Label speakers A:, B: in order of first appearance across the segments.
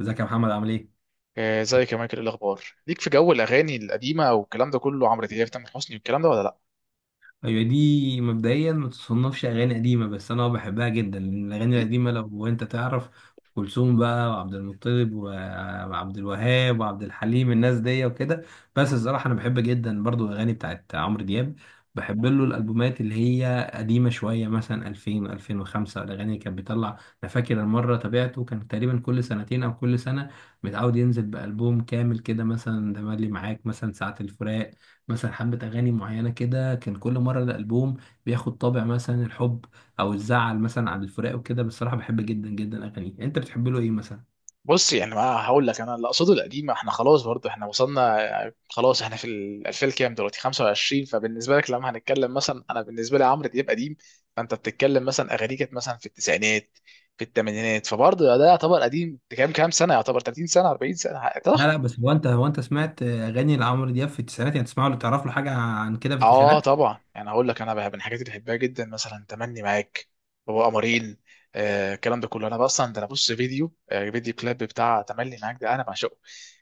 A: ازيك يا محمد عامل ايه؟
B: ازيك يا مايكل؟ إيه الاخبار ليك في جو الاغاني القديمه والكلام ده كله، عمرو دياب، تامر حسني والكلام ده، ولا لا
A: ايوه، دي مبدئيا ما تصنفش اغاني قديمه بس انا بحبها جدا لان الاغاني
B: ليك؟
A: القديمه لو انت تعرف كلثوم بقى وعبد المطلب وعبد الوهاب وعبد الحليم الناس دي وكده. بس الصراحه انا بحب جدا برضو الاغاني بتاعت عمرو دياب. بحب له الالبومات اللي هي قديمه شويه مثلا 2000، 2005 الاغاني اللي كان بيطلع. انا فاكر المره تابعته كان تقريبا كل سنتين او كل سنه، متعود ينزل بالبوم كامل كده، مثلا تملي معاك، مثلا ساعه الفراق، مثلا حبة أغاني معينة كده. كان كل مرة الألبوم بياخد طابع مثلا الحب أو الزعل مثلا على الفراق وكده. بصراحة بحب جدا جدا أغانيه. أنت بتحب له إيه مثلا؟
B: بص، يعني ما هقول لك، انا اللي اقصده القديمه، احنا خلاص برضه احنا وصلنا. خلاص احنا في ال 2000 كام دلوقتي؟ 25. فبالنسبه لك لما هنتكلم مثلا، انا بالنسبه لي عمرو دياب قديم. فانت بتتكلم مثلا اغانيه كانت مثلا في التسعينات، في الثمانينات، فبرضه ده يعتبر قديم. كام كام سنه؟ يعتبر 30 سنه، 40 سنه.
A: لا لا، بس هو أنت سمعت أغاني لعمرو دياب في التسعينات؟ يعني تسمعه ولا تعرف له حاجة عن كده في
B: اه
A: التسعينات؟
B: طبعا. يعني هقول لك، انا بقى من الحاجات اللي بحبها جدا مثلا تمني معاك، هو قمرين، آه الكلام ده كله. انا بقى اصلا، ده انا بص فيديو فيديو كليب بتاع تملي معاك ده، انا بعشقه.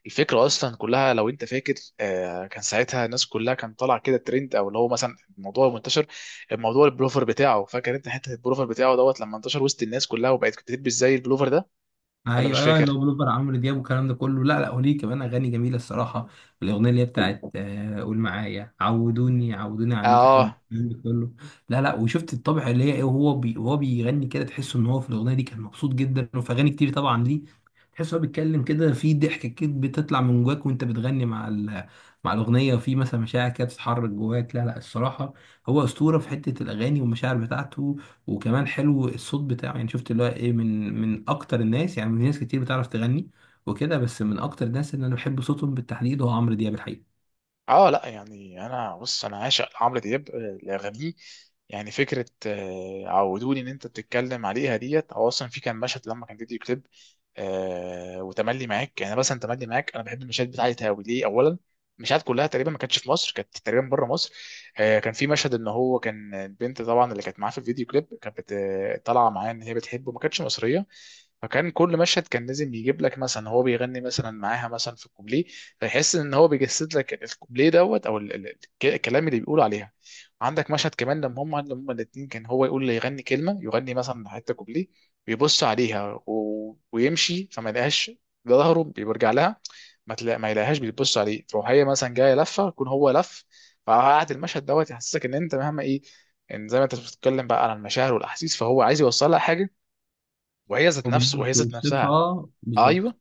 B: الفكره اصلا كلها لو انت فاكر، آه كان ساعتها الناس كلها، كان طالع كده ترند، او اللي هو مثلا الموضوع منتشر، الموضوع البلوفر بتاعه. فاكر انت حته البلوفر بتاعه دوت لما انتشر وسط الناس كلها وبقت بتلبس زي البلوفر ده ولا
A: ايوه
B: مش
A: ايوه،
B: فاكر؟
A: اللي هو بلوفر عمرو دياب والكلام ده كله. لا لا، وليه كمان اغاني جميله الصراحه. الاغنيه اللي هي بتاعت قول معايا، عودوني، عنيك احب،
B: اه.
A: الكلام ده كله. لا لا، وشفت الطبع اللي هي ايه، وهو بي وهو بيغني كده تحس ان هو في الاغنيه دي كان مبسوط جدا. وفي اغاني كتير طبعا ليه تحس هو بيتكلم كده في ضحك كده بتطلع من جواك وانت بتغني مع مع الاغنيه. وفي مثلا مشاعر كده بتتحرك جواك. لا لا، الصراحه هو اسطوره في حته الاغاني والمشاعر بتاعته. وكمان حلو الصوت بتاعه، يعني شفت اللي هو ايه، من اكتر الناس. يعني في ناس كتير بتعرف تغني وكده، بس من اكتر الناس اللي انا بحب صوتهم بالتحديد هو عمرو دياب الحقيقة.
B: اه لا يعني انا بص، انا عاشق لعمرو دياب، لاغانيه. يعني فكره عودوني ان انت بتتكلم عليها ديت، او اصلا في كان مشهد لما كان فيديو كليب، آه وتملي معاك. يعني مثلا تملي معاك انا بحب المشاهد بتاعتها قوي. ليه؟ اولا المشاهد كلها تقريبا ما كانتش في مصر، كانت تقريبا بره مصر. آه كان في مشهد ان هو كان البنت طبعا اللي كانت معاه في الفيديو كليب كانت طالعه معاه، ان هي بتحبه، ما كانتش مصريه. فكان كل مشهد كان لازم يجيب لك مثلا هو بيغني مثلا معاها مثلا في الكوبليه، تحس ان هو بيجسد لك الكوبليه دوت، او الكلام اللي بيقول عليها. عندك مشهد كمان لما هم الاثنين، كان هو يقول لي يغني كلمه، يغني مثلا حته كوبليه، بيبص عليها ويمشي فما يلاقيهاش، ظهره بيرجع لها، ما يلاقيهاش، بتبص عليه، تروح هي مثلا جايه لفه يكون هو لف. فقعد المشهد دوت يحسسك ان انت مهما ايه، ان زي ما انت بتتكلم بقى عن المشاعر والاحاسيس، فهو عايز يوصل لها حاجه، وهي ذات
A: هو
B: نفسه
A: بيعرف
B: وهي ذات نفسها
A: يوصفها بالظبط،
B: ايوه.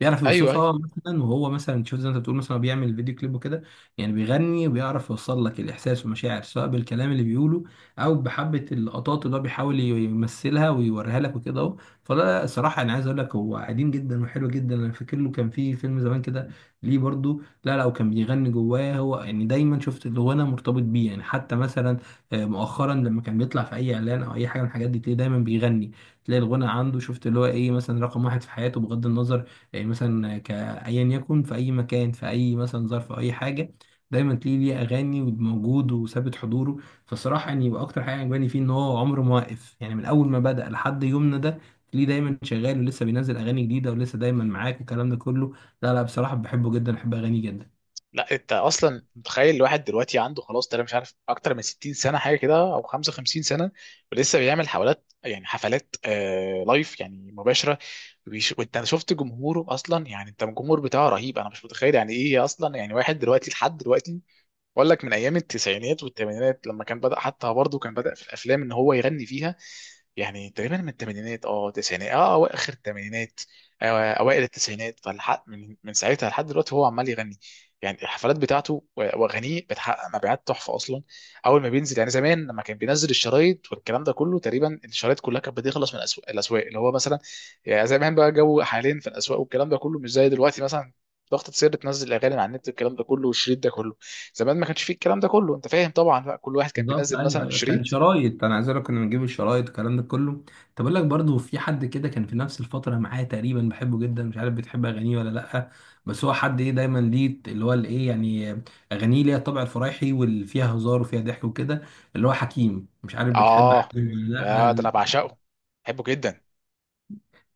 A: بيعرف
B: ايوه أيوه.
A: يوصفها مثلا. وهو مثلا شوف زي ما انت بتقول مثلا هو بيعمل فيديو كليب وكده، يعني بيغني وبيعرف يوصل لك الاحساس والمشاعر، سواء بالكلام اللي بيقوله او بحبه اللقطات اللي هو بيحاول يمثلها ويوريها لك وكده اهو. فده الصراحه انا عايز اقول لك هو قديم جدا وحلو جدا. انا فاكر له كان في فيلم زمان كده ليه برضو. لا لا، وكان بيغني جواه هو، يعني دايما شفت الغنى مرتبط بيه. يعني حتى مثلا مؤخرا لما كان بيطلع في اي اعلان او اي حاجه من الحاجات دي تلاقيه دايما بيغني، تلاقي الغنى عنده، شفت اللي هو ايه، مثلا رقم واحد في حياته بغض النظر. يعني مثلا ك ايا يكن في اي مكان، في اي مثلا ظرف أو اي حاجه، دايما تلاقيه ليه اغاني وموجود وثابت حضوره. فالصراحه يعني، واكتر حاجه عجباني فيه ان هو عمره ما واقف. يعني من اول ما بدأ لحد يومنا ده تلاقيه دايما شغال ولسه بينزل اغاني جديده ولسه دايما معاك والكلام ده كله. لا لا، بصراحه بحبه جدا، بحب اغانيه جدا.
B: لا انت اصلا متخيل الواحد دلوقتي عنده خلاص تقريبا، مش عارف، اكتر من 60 سنه حاجه كده، او 55 سنه، ولسه بيعمل حفلات. يعني حفلات آه لايف، يعني مباشره. وانت شفت جمهوره اصلا، يعني انت الجمهور بتاعه رهيب. انا مش متخيل يعني ايه اصلا، يعني واحد دلوقتي لحد دلوقتي. بقول لك، من ايام التسعينات والثمانينات لما كان بدأ، حتى برضه كان بدأ في الافلام ان هو يغني فيها. يعني تقريبا من الثمانينات، اه تسعينات، اه أو اخر الثمانينات، اوائل التسعينات. فالحق من ساعتها لحد دلوقتي هو عمال يغني. يعني الحفلات بتاعته واغانيه بتحقق مبيعات تحفه اصلا. اول ما بينزل، يعني زمان لما كان بينزل الشرايط والكلام ده كله، تقريبا الشرايط كلها كانت بتخلص من الاسواق، الاسواق اللي هو مثلا، يعني زمان بقى جو. حاليا في الاسواق والكلام ده كله مش زي دلوقتي، مثلا ضغطة سر تنزل اغاني على النت والكلام ده كله، والشريط ده كله. زمان ما كانش فيه الكلام ده كله، انت فاهم طبعا بقى. كل واحد كان
A: بالظبط
B: بينزل مثلا
A: ايوه ايوه، كان
B: الشريط.
A: شرايط. انا عايز اقول لك كنا بنجيب الشرايط الكلام ده كله. طب اقول لك برضه، في حد كده كان في نفس الفتره معايا تقريبا بحبه جدا، مش عارف بتحب اغانيه ولا لا. بس هو حد ايه، دايما ليه اللي هو الايه يعني اغانيه ليها الطابع الفرايحي واللي فيها هزار وفيها ضحك وكده، اللي هو حكيم. مش عارف بتحب
B: اه
A: حكيم ولا؟
B: يا ده انا
A: لا،
B: بعشقه. بحبه جدا.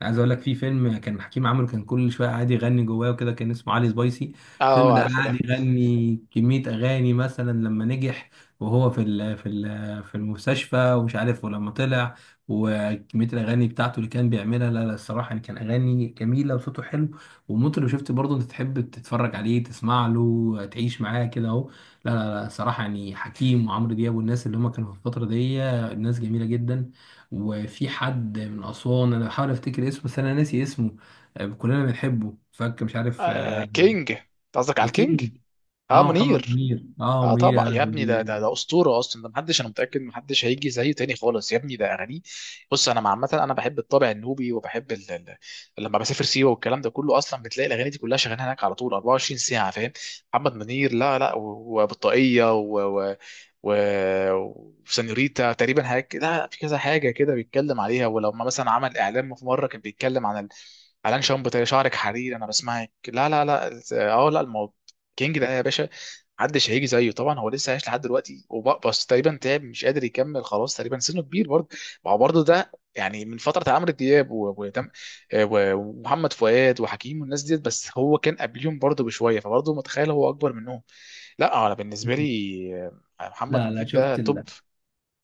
A: عايز اقول لك في فيلم كان حكيم عامله، كان كل شويه قاعد يغني جواه وكده، كان اسمه علي سبايسي. الفيلم
B: اه
A: ده
B: عارفه ده.
A: قاعد يغني كميه اغاني، مثلا لما نجح وهو في ال في ال في المستشفى ومش عارف، ولما طلع، وكميه الاغاني بتاعته اللي كان بيعملها. لا لا الصراحه، يعني كان اغاني جميله وصوته حلو ومطرب، شفت برضه انت تحب تتفرج عليه تسمع له تعيش معاه كده اهو. لا لا لا، صراحه يعني حكيم وعمرو دياب والناس اللي هم كانوا في الفتره دي ناس جميله جدا. وفي حد من أسوان أنا بحاول أفتكر اسمه بس أنا ناسي اسمه، كلنا بنحبه، فك مش عارف،
B: آه كينج، انت قصدك على الكينج؟
A: الكينج.
B: اه
A: اه محمد
B: منير.
A: منير، اه
B: اه
A: منير، يا
B: طبعا يا ابني، ده ده
A: لهوي.
B: ده اسطوره اصلا. ده محدش، انا متاكد محدش هيجي زيه تاني خالص يا ابني. ده اغانيه. بص انا عامه انا بحب الطابع النوبي، وبحب لما بسافر سيوه والكلام ده كله، اصلا بتلاقي الاغاني دي كلها شغاله هناك على طول 24 ساعه، فاهم؟ محمد منير، لا لا، وبطاقيه و... وسانيوريتا تقريبا حاجه، لا في كذا حاجه كده بيتكلم عليها. ولو ما مثلا عمل اعلان، في مره كان بيتكلم عن اعلان شامبو، تاني شعرك حرير، انا بسمعك. لا لا لا. اه لا الموضوع. كينج ده يا باشا. محدش هيجي زيه طبعا. هو لسه عايش لحد دلوقتي، بس تقريبا تعب، مش قادر يكمل خلاص، تقريبا سنه كبير برضه. ما هو برضه ده يعني من فتره عمرو دياب ومحمد فؤاد وحكيم والناس ديت، بس هو كان قبليهم برضه بشويه، فبرضه متخيل هو اكبر منهم. لا انا بالنسبه لي محمد
A: لا لا،
B: منير ده توب.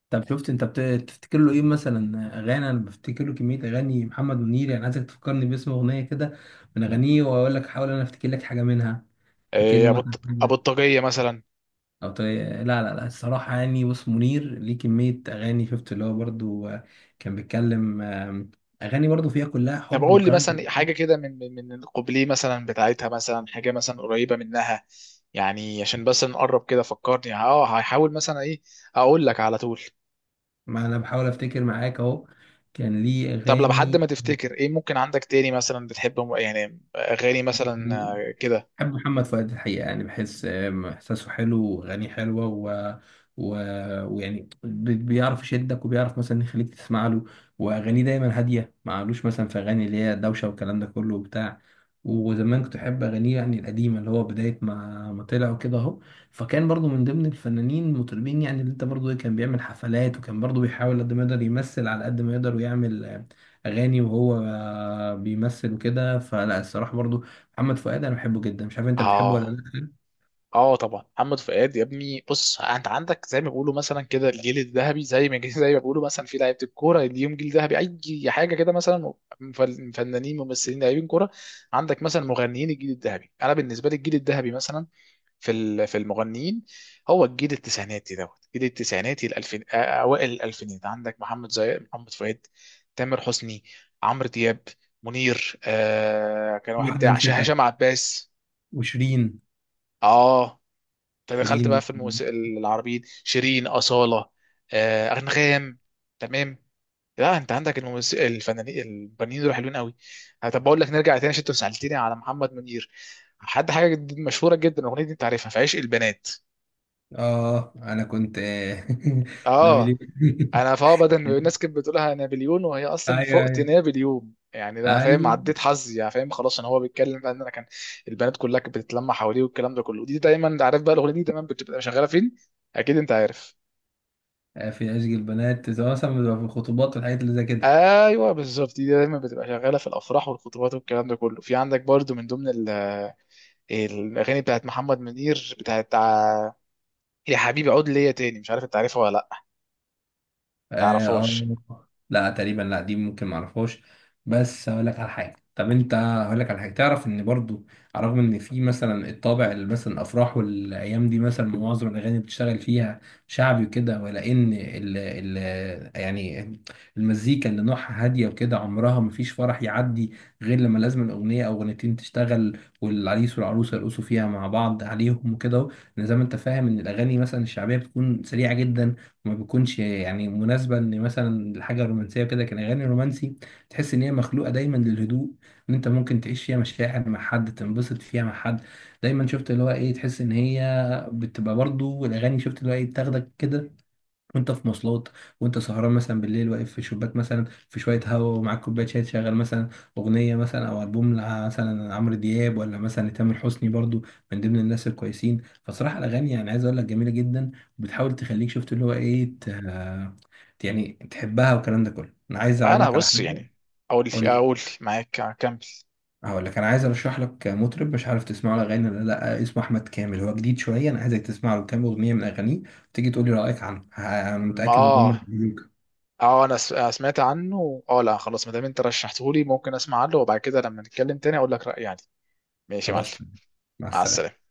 A: طب تفتكر له ايه مثلا اغاني؟ انا بفتكر له كميه اغاني محمد منير. يعني عايزك تفكرني باسم اغنيه كده من اغانيه واقول لك، حاول انا افتكر لك حاجه منها. فاكر له
B: ابو
A: مثلا؟
B: الطاقيه مثلا.
A: لا لا لا، الصراحة يعني بص، منير ليه كمية أغاني، شفت اللي هو برضو، كان بيتكلم، أغاني برضو فيها كلها
B: طب
A: حب
B: قول لي
A: وكلام.
B: مثلا
A: ده.
B: حاجه كده، من القبليه مثلا بتاعتها، مثلا حاجه مثلا قريبه منها، يعني عشان بس نقرب كده. فكرني، اه هحاول مثلا ايه، اقول لك على طول.
A: ما أنا بحاول أفتكر معاك أهو، كان ليه
B: طب لو حد،
A: أغاني.
B: ما تفتكر ايه ممكن عندك تاني مثلا بتحب يعني اغاني مثلا كده.
A: بحب محمد فؤاد الحقيقة، يعني بحس إحساسه حلو وأغانيه حلوة و... ويعني بيعرف يشدك وبيعرف مثلا يخليك تسمع له. وأغانيه دايما هادية، ما عملوش مثلا في أغاني اللي هي دوشة والكلام ده كله وبتاع. وزمان كنت أحب أغانيه، يعني القديمة اللي هو بداية ما طلع وكده أهو. فكان برضو من ضمن الفنانين المطربين، يعني اللي أنت برضو إيه، كان بيعمل حفلات وكان برضو بيحاول قد ما يقدر يمثل على قد ما يقدر ويعمل أغاني. وهو بيمثل وكده. فلا الصراحة، برضو محمد فؤاد انا بحبه جدا، مش عارف انت بتحبه ولا
B: اه.
A: لا.
B: اه طبعا محمد فؤاد يا ابني. بص انت عندك زي ما بيقولوا مثلا كده الجيل الذهبي، زي ما زي ما بيقولوا مثلا في لعيبه الكوره ليهم جيل ذهبي، اي حاجه كده مثلا. فنانين، ممثلين، لاعبين كوره، عندك مثلا مغنيين. الجيل الذهبي انا بالنسبه لي، الجيل الذهبي مثلا في في المغنيين، هو الجيل التسعيناتي دوت، الجيل التسعيناتي الالفين، اوائل الالفينات. عندك محمد، زي محمد فؤاد، تامر حسني، عمرو دياب، منير، آه كان
A: في
B: واحد
A: واحده نسيتها،
B: هشام عباس.
A: وشيرين.
B: اه.
A: شيرين
B: فدخلت
A: دي.
B: بقى في الموسيقى العربيين، شيرين، أصالة، أنغام. تمام. لا انت عندك الموسيقى الفنانين، الفنانين دول حلوين قوي. طب بقول لك نرجع تاني عشان انت سألتني على محمد منير، حد حاجه مشهوره جدا، الاغنيه دي انت عارفها، في عشق البنات.
A: اه انا كنت
B: اه
A: نبيل
B: انا فا، بدل ما الناس كانت بتقولها نابليون وهي اصلا
A: ايوه ايوه
B: فوقتنا باليوم، يعني ده فاهم،
A: ايوه،
B: عديت حظي يعني، فاهم، خلاص ان هو بيتكلم بقى ان انا كان البنات كلها كانت بتتلمع حواليه والكلام ده كله. دي دايما انت عارف بقى الاغنيه دي دايما بتبقى شغاله فين، اكيد انت عارف.
A: في عشق البنات سواء مثلا بتبقى في الخطوبات والحاجات اللي زي كده.
B: ايوه بالظبط، دي دايما بتبقى شغاله في الافراح والخطوبات والكلام ده كله. في عندك برضو من ضمن الاغاني بتاعت محمد منير، يا حبيبي عود ليا تاني، مش عارف انت عارفها ولا لا
A: اه. آه.
B: تعرفهاش.
A: لا تقريبا، لا دي ممكن معرفهاش. بس هقول لك على حاجه. طب انت هقول لك على حاجه، تعرف ان برضو على الرغم ان في مثلا الطابع اللي مثلا الافراح والايام دي مثلا معظم الاغاني بتشتغل فيها شعبي وكده، ولا ان ال يعني المزيكا اللي نوعها هاديه وكده، عمرها ما فيش فرح يعدي غير لما لازم الاغنيه او اغنيتين تشتغل والعريس والعروسه يرقصوا فيها مع بعض عليهم وكده أهو. لأن زي ما انت فاهم ان الاغاني مثلا الشعبيه بتكون سريعه جدا، ما بيكونش يعني مناسبة ان مثلا الحاجة الرومانسية كده. كان اغاني رومانسي تحس ان هي مخلوقة دايما للهدوء، ان انت ممكن تعيش فيها مشاعر مع حد، تنبسط فيها مع حد. دايما شفت اللي هو ايه، تحس ان هي بتبقى برضو الاغاني، شفت اللي هو ايه، بتاخدك كده وانت في مواصلات، وانت سهران مثلا بالليل واقف في شباك مثلا في شويه هوا ومعاك كوبايه شاي، تشغل مثلا اغنيه مثلا او البوم مثلا عمرو دياب ولا مثلا لتامر حسني برضو من ضمن الناس الكويسين. فصراحه الاغاني، يعني عايز اقول لك جميله جدا، وبتحاول تخليك شفت اللي هو ايه يعني تحبها والكلام ده كله. انا عايز اقول
B: انا
A: لك على
B: بص
A: حاجه.
B: يعني، اقول
A: قول لي.
B: اقول معاك، اكمل.
A: هقول لك، انا عايز ارشح لك مطرب مش عارف تسمعه الاغاني ولا لا، اسمه احمد كامل، هو جديد شويه. انا عايزك تسمع له كام اغنيه من اغانيه تيجي تقول لي رايك عنه. انا متاكد ان هم
B: اه.
A: هيعجبوك.
B: اه انا أنا سمعت عنه، اه لا خلاص ما دام انت رشحتهولي ممكن اسمع عنه، وبعد كده لما نتكلم تاني اقول لك رايي يعني. ماشي يا معلم.
A: خلاص تمام. مع
B: مع
A: السلامة.
B: السلامه.